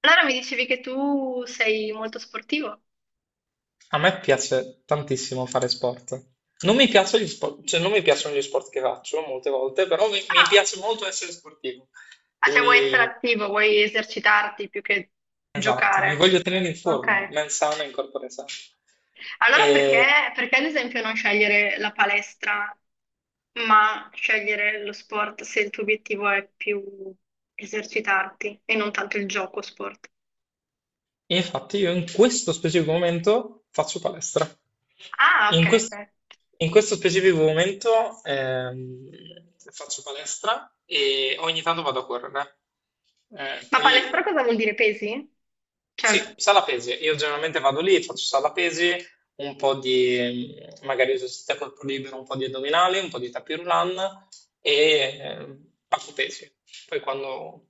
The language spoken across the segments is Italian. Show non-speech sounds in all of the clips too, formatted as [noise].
Allora mi dicevi che tu sei molto sportivo? A me piace tantissimo fare sport. Non mi piacciono gli sport, cioè non mi piacciono gli sport che faccio molte volte, però mi Ah, piace molto essere sportivo. ah, cioè vuoi essere Quindi, attivo, vuoi esercitarti più che esatto, mi giocare. voglio tenere in Ok. forma, mens sana in corpore sano. Allora perché, E perché ad esempio non scegliere la palestra, ma scegliere lo sport se il tuo obiettivo è più esercitarti e non tanto il gioco sport? infatti io in questo specifico momento faccio palestra. Ah, ok. In questo, Ok. in questo specifico momento faccio palestra e ogni tanto vado a correre. Ma palestra poi. cosa vuol dire pesi? Sì, Cioè, sala pesi. Io generalmente vado lì, faccio sala pesi, un po' di magari esercizio a corpo libero, un po' di addominali, un po' di tapis roulant e eh, faccio pesi. Poi quando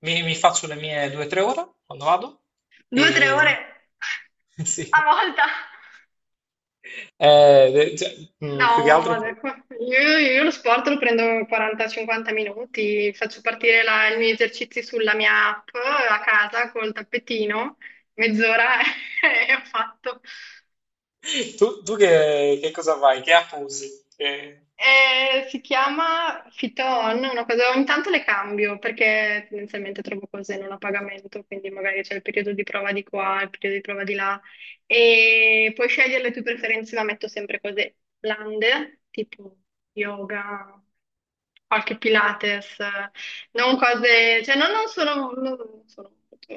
mi faccio le mie 2 o 3 ore, quando vado, due o tre ore e [laughs] [laughs] sì. a volta? Cioè, più che altro. No, ecco, io lo sport lo prendo 40-50 minuti, faccio partire i miei esercizi sulla mia app a casa col tappetino, mezz'ora [laughs] e ho fatto. Tu che cosa fai? Che app usi? Si chiama Fiton, una cosa, ogni tanto le cambio perché tendenzialmente trovo cose non a pagamento, quindi magari c'è il periodo di prova di qua, il periodo di prova di là e puoi scegliere le tue preferenze, ma metto sempre cose blande, tipo yoga, qualche Pilates, non cose, cioè no, non sono molto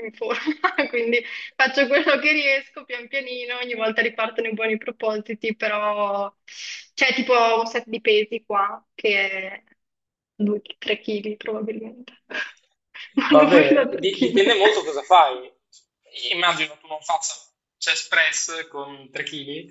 in forma, [laughs] quindi faccio quello che riesco pian pianino, ogni volta ripartono i buoni propositi, però c'è tipo un set di pesi qua che è 2-3 kg probabilmente, [laughs] vanno fuori Vabbè, da 3 kg. dipende molto cosa fai. Immagino tu non faccia chest press con 3 kg,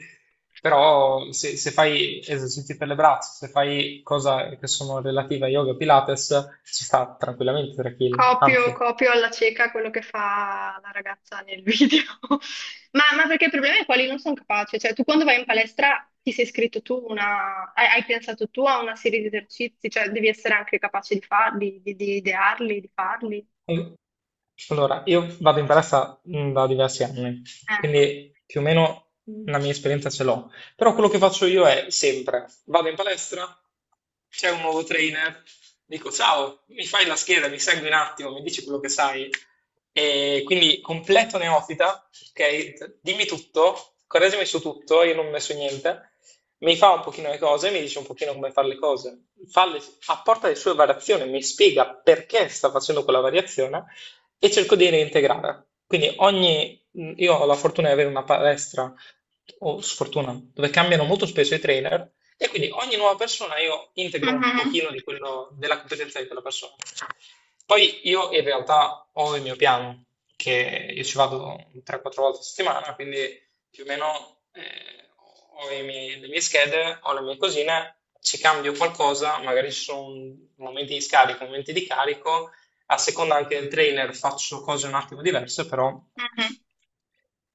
però se fai esercizi per le braccia, se fai cose che sono relative a yoga e Pilates, ci sta tranquillamente 3 kg, Copio, anzi. copio alla cieca quello che fa la ragazza nel video. [laughs] Ma perché il problema è quali non sono capace, cioè tu quando vai in palestra ti sei iscritto tu una, hai pensato tu a una serie di esercizi, cioè devi essere anche capace di farli, di idearli, di farli. Al- Allora, io vado in palestra da diversi anni, Ecco. quindi più o meno la mia esperienza ce l'ho. Però quello che faccio io è sempre, vado in palestra, c'è un nuovo trainer, dico ciao, mi fai la scheda, mi segui un attimo, mi dici quello che sai. E quindi completo neofita, ok, dimmi tutto, correggimi su tutto, io non ho messo niente, mi fa un pochino le cose, mi dice un pochino come fare le cose, apporta le sue variazioni, mi spiega perché sta facendo quella variazione e cerco di reintegrare. Quindi ogni, io ho la fortuna di avere una palestra, o sfortuna, dove cambiano molto spesso i trainer, e quindi ogni nuova persona io integro un Mhm, pochino di quello, della competenza di quella persona. Poi io in realtà ho il mio piano, che io ci vado 3-4 volte a settimana, quindi più o meno ho le mie schede, ho le mie cosine, ci cambio qualcosa, magari ci sono momenti di scarico, momenti di carico, a seconda anche del trainer faccio cose un attimo diverse, però mhm.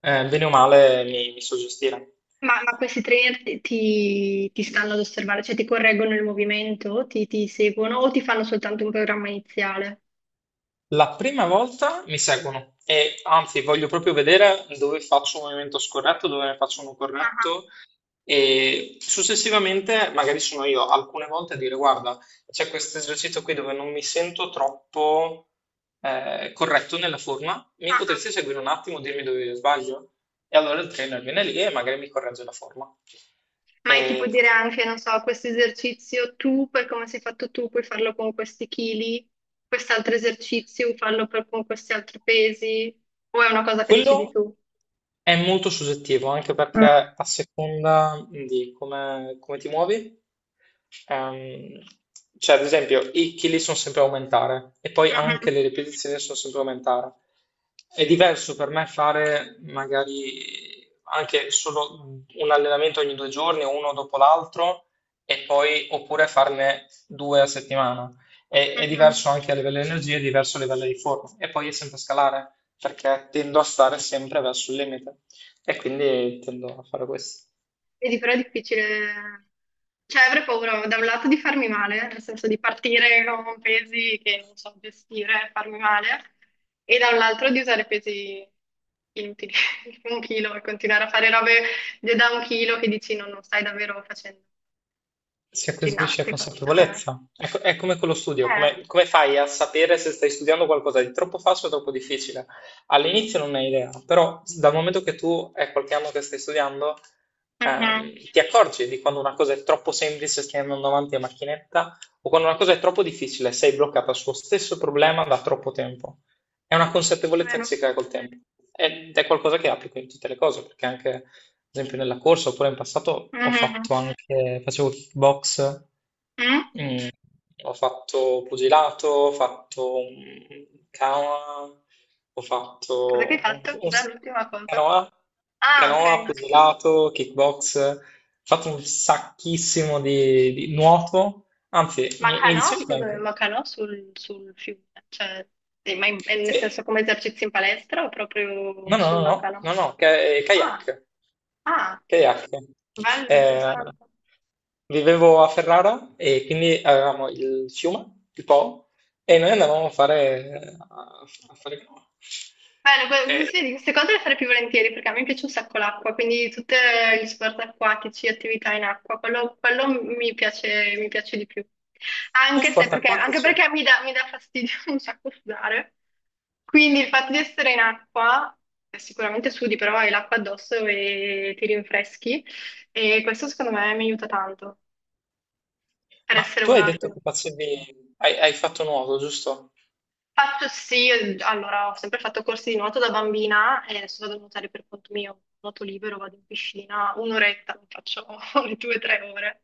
bene o male mi so gestire. Ma questi trainer ti stanno ad osservare, cioè ti correggono il movimento, ti seguono o ti fanno soltanto un programma iniziale? La prima volta mi seguono, e anzi voglio proprio vedere dove faccio un movimento scorretto, dove ne faccio uno Ah, corretto, e successivamente magari sono io alcune volte a dire guarda, c'è questo esercizio qui dove non mi sento troppo corretto nella forma, ah, mi ah. potresti seguire un attimo, dirmi dove io sbaglio? E allora il trainer viene lì e magari mi corregge la forma. Ma è tipo E dire anche, non so, questo esercizio tu, per come sei fatto tu, puoi farlo con questi chili, quest'altro esercizio, farlo con questi altri pesi, o è una cosa che decidi Quello tu? è molto soggettivo, anche perché Ah. a seconda di come ti muovi, ehm, cioè ad esempio i chili sono sempre a aumentare, e poi anche Mhm, le ripetizioni sono sempre a aumentare. È diverso per me fare magari anche solo un allenamento ogni 2 giorni, uno dopo l'altro, e poi oppure farne 2 a settimana. È mhm. diverso anche a livello di energia, è diverso a livello di forma, e poi è sempre scalare perché tendo a stare sempre verso il limite, e quindi tendo a fare questo. Vedi, però è difficile. Cioè, avrei paura da un lato di farmi male, nel senso di partire con pesi che non so gestire, e farmi male, e dall'altro di usare pesi inutili, [laughs] tipo un chilo, e continuare a fare robe da un chilo che dici no, non stai davvero facendo Si acquisisce ginnastica. Cioè, consapevolezza. È come con lo studio, eh, come fai a sapere se stai studiando qualcosa di troppo facile o troppo difficile? All'inizio non hai idea, però dal momento che tu è qualche anno che stai studiando, mhm, ehm, ti accorgi di quando una cosa è troppo semplice, stai andando avanti a macchinetta, o quando una cosa è troppo difficile, sei bloccata sullo stesso problema da troppo tempo. È una consapevolezza che vero. si crea col tempo, ed è qualcosa che applico in tutte le cose, perché anche ad esempio nella corsa, oppure in passato ho fatto Mhm. anche, facevo kickbox, Mm? mm, ho fatto pugilato, ho fatto canoa, ho Cosa che hai fatto un- fatto? Cos'è l'ultima cosa? canoa. Ah, Canoa, ok. pugilato, kickbox, ho fatto un sacchissimo di nuoto, anzi, Ma mi canò, dicevi che scusami, anche... ma canò sul, sul fiume, cioè, ma nel Sì, senso come esercizi in palestra o proprio no, no, no, sulla no, canò? no, no, kayak. Ah, ah, Kayak. bello, Eh, interessante. vivevo a Ferrara, e quindi avevamo il fiume, il Po, e noi andavamo a fare canoa. Bello, Eh, sì, sì, di queste cose le farei più volentieri perché a me piace un sacco l'acqua, quindi tutti gli sport acquatici, attività in acqua, quello mi piace di più. tu Anche se sport perché, anche acquatici? perché mi dà fastidio [laughs] un sacco sudare. Quindi il fatto di essere in acqua, sicuramente sudi, però hai l'acqua addosso e ti rinfreschi e questo secondo me mi aiuta tanto per Ma essere tu hai una detto acqua. che facevi, hai fatto nuoto, giusto? Faccio sì, allora ho sempre fatto corsi di nuoto da bambina e adesso vado a nuotare per conto mio, nuoto libero, vado in piscina un'oretta, non faccio [laughs] le due o tre ore.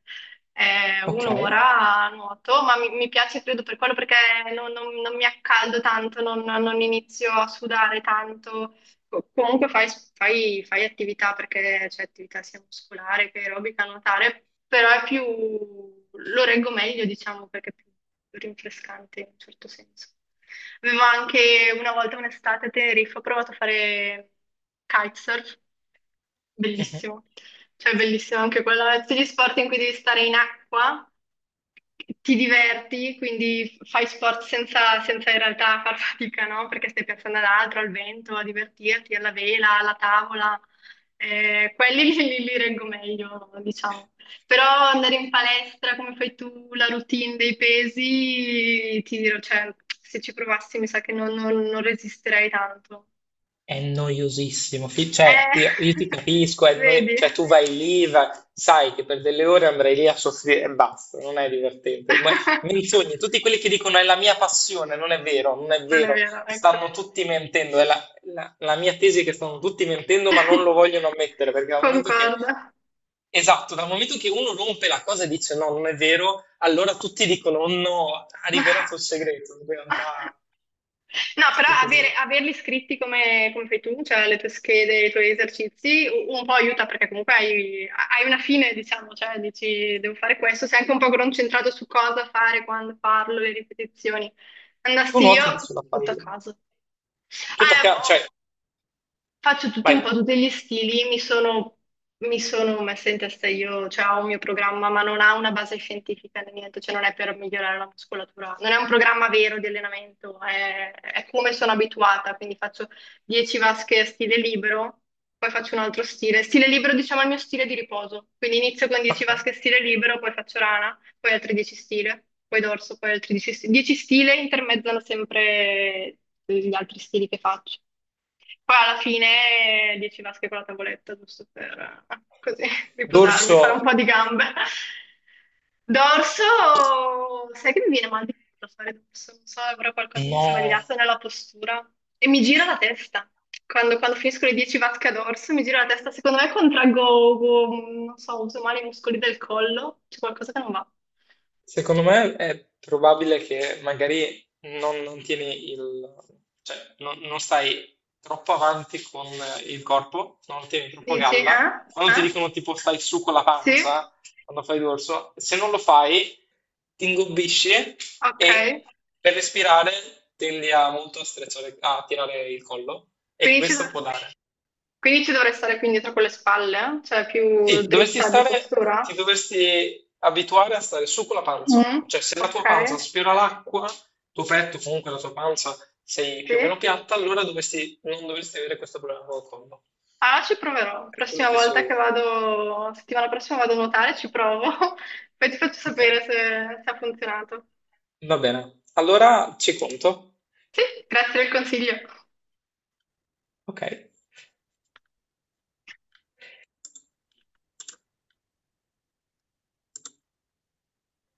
Ok. Un'ora a nuoto, ma mi piace credo per quello perché non mi accaldo tanto, non inizio a sudare tanto. Comunque fai attività perché c'è attività sia muscolare che aerobica, nuotare, però è più, lo reggo meglio, diciamo, perché è più rinfrescante in un certo senso. Avevo anche una volta un'estate a Tenerife, ho provato a fare kitesurf, bellissimo. Cioè, è bellissimo anche quello, tutti gli sport in cui devi stare in acqua, ti diverti, quindi fai sport senza, senza in realtà far fatica, no? Perché stai pensando ad altro, al vento, a divertirti, alla vela, alla tavola. Quelli [laughs] li reggo meglio, diciamo. Però andare in palestra, come fai tu, la routine dei pesi, ti dirò, cioè, se ci provassi mi sa che non resisterei tanto. È noiosissimo, cioè io Eh, ti [laughs] capisco, è vedi? cioè, tu vai lì, sai che per delle ore andrai lì a soffrire e basta, non è divertente. Ma [laughs] menzogne, tutti quelli che dicono è la mia passione, non è vero, non è Non è vero, vero, ecco. stanno tutti mentendo, è la mia tesi è che stanno tutti mentendo ma non lo [laughs] vogliono ammettere, perché dal momento che, Concordo. esatto, dal momento che uno rompe la cosa e dice no, non è vero, allora tutti dicono "Oh no, ha rivelato il segreto, in realtà No, però tutti così". averli scritti come, come fai tu, cioè le tue schede, i tuoi esercizi, un po' aiuta perché comunque hai una fine, diciamo, cioè dici devo fare questo, sei anche un po' concentrato su cosa fare, quando farlo, le ripetizioni. Tu Andassi nuoti io, sulla tutto a paglia. caso. Tutto a caso, cioè, Boh, faccio tutti vai, un po' tutti gli stili, mi sono messa in testa io, cioè ho un mio programma, ma non ha una base scientifica né niente, cioè non è per migliorare la muscolatura, non è un programma vero di allenamento, è come sono abituata, quindi faccio 10 vasche a stile libero, poi faccio un altro stile. Stile libero, diciamo, è il mio stile di riposo, quindi inizio con 10 vasche a stile libero, poi faccio rana, poi altri 10 stile, poi dorso, poi altri 10 stile, 10 stile intermezzano sempre gli altri stili che faccio. Poi alla fine 10 vasche con la tavoletta, giusto per così [laughs] riposarmi, dorso fare un po' di gambe. Dorso, sai che mi viene mal di culo fare dorso, non so, avrò qualcosa di no. sbagliato nella postura e mi gira la testa. Quando finisco le 10 vasche a dorso mi gira la testa, secondo me contraggo, non so, uso male i muscoli del collo, c'è qualcosa che non va. Secondo me è probabile che magari non tieni il, cioè, non stai troppo avanti con il corpo, non tieni troppo Dici, galla. eh? Quando ti Eh? dicono tipo stai su con la Sì? pancia, quando fai dorso, se non lo fai, ti ingobbisci e Ok. per respirare tendi a molto a tirare il collo, e Quindi ci questo sono. può dare. Quindi ci dovrei stare più indietro con le spalle, cioè più Sì, dovresti dritta di stare, ti postura? dovresti abituare a stare su con la panza, Mm, cioè se la ok, tua panza sfiora l'acqua, tuo petto, comunque la tua panza sei sì. più o meno piatta, allora dovresti, non dovresti avere questo problema col collo, Ah, ci proverò. per quello Prossima che so volta che io. vado, settimana prossima vado a nuotare, ci provo. [laughs] Poi ti faccio Ok, sapere se ha funzionato. va bene. Allora ci conto. Sì, grazie del consiglio. Ok.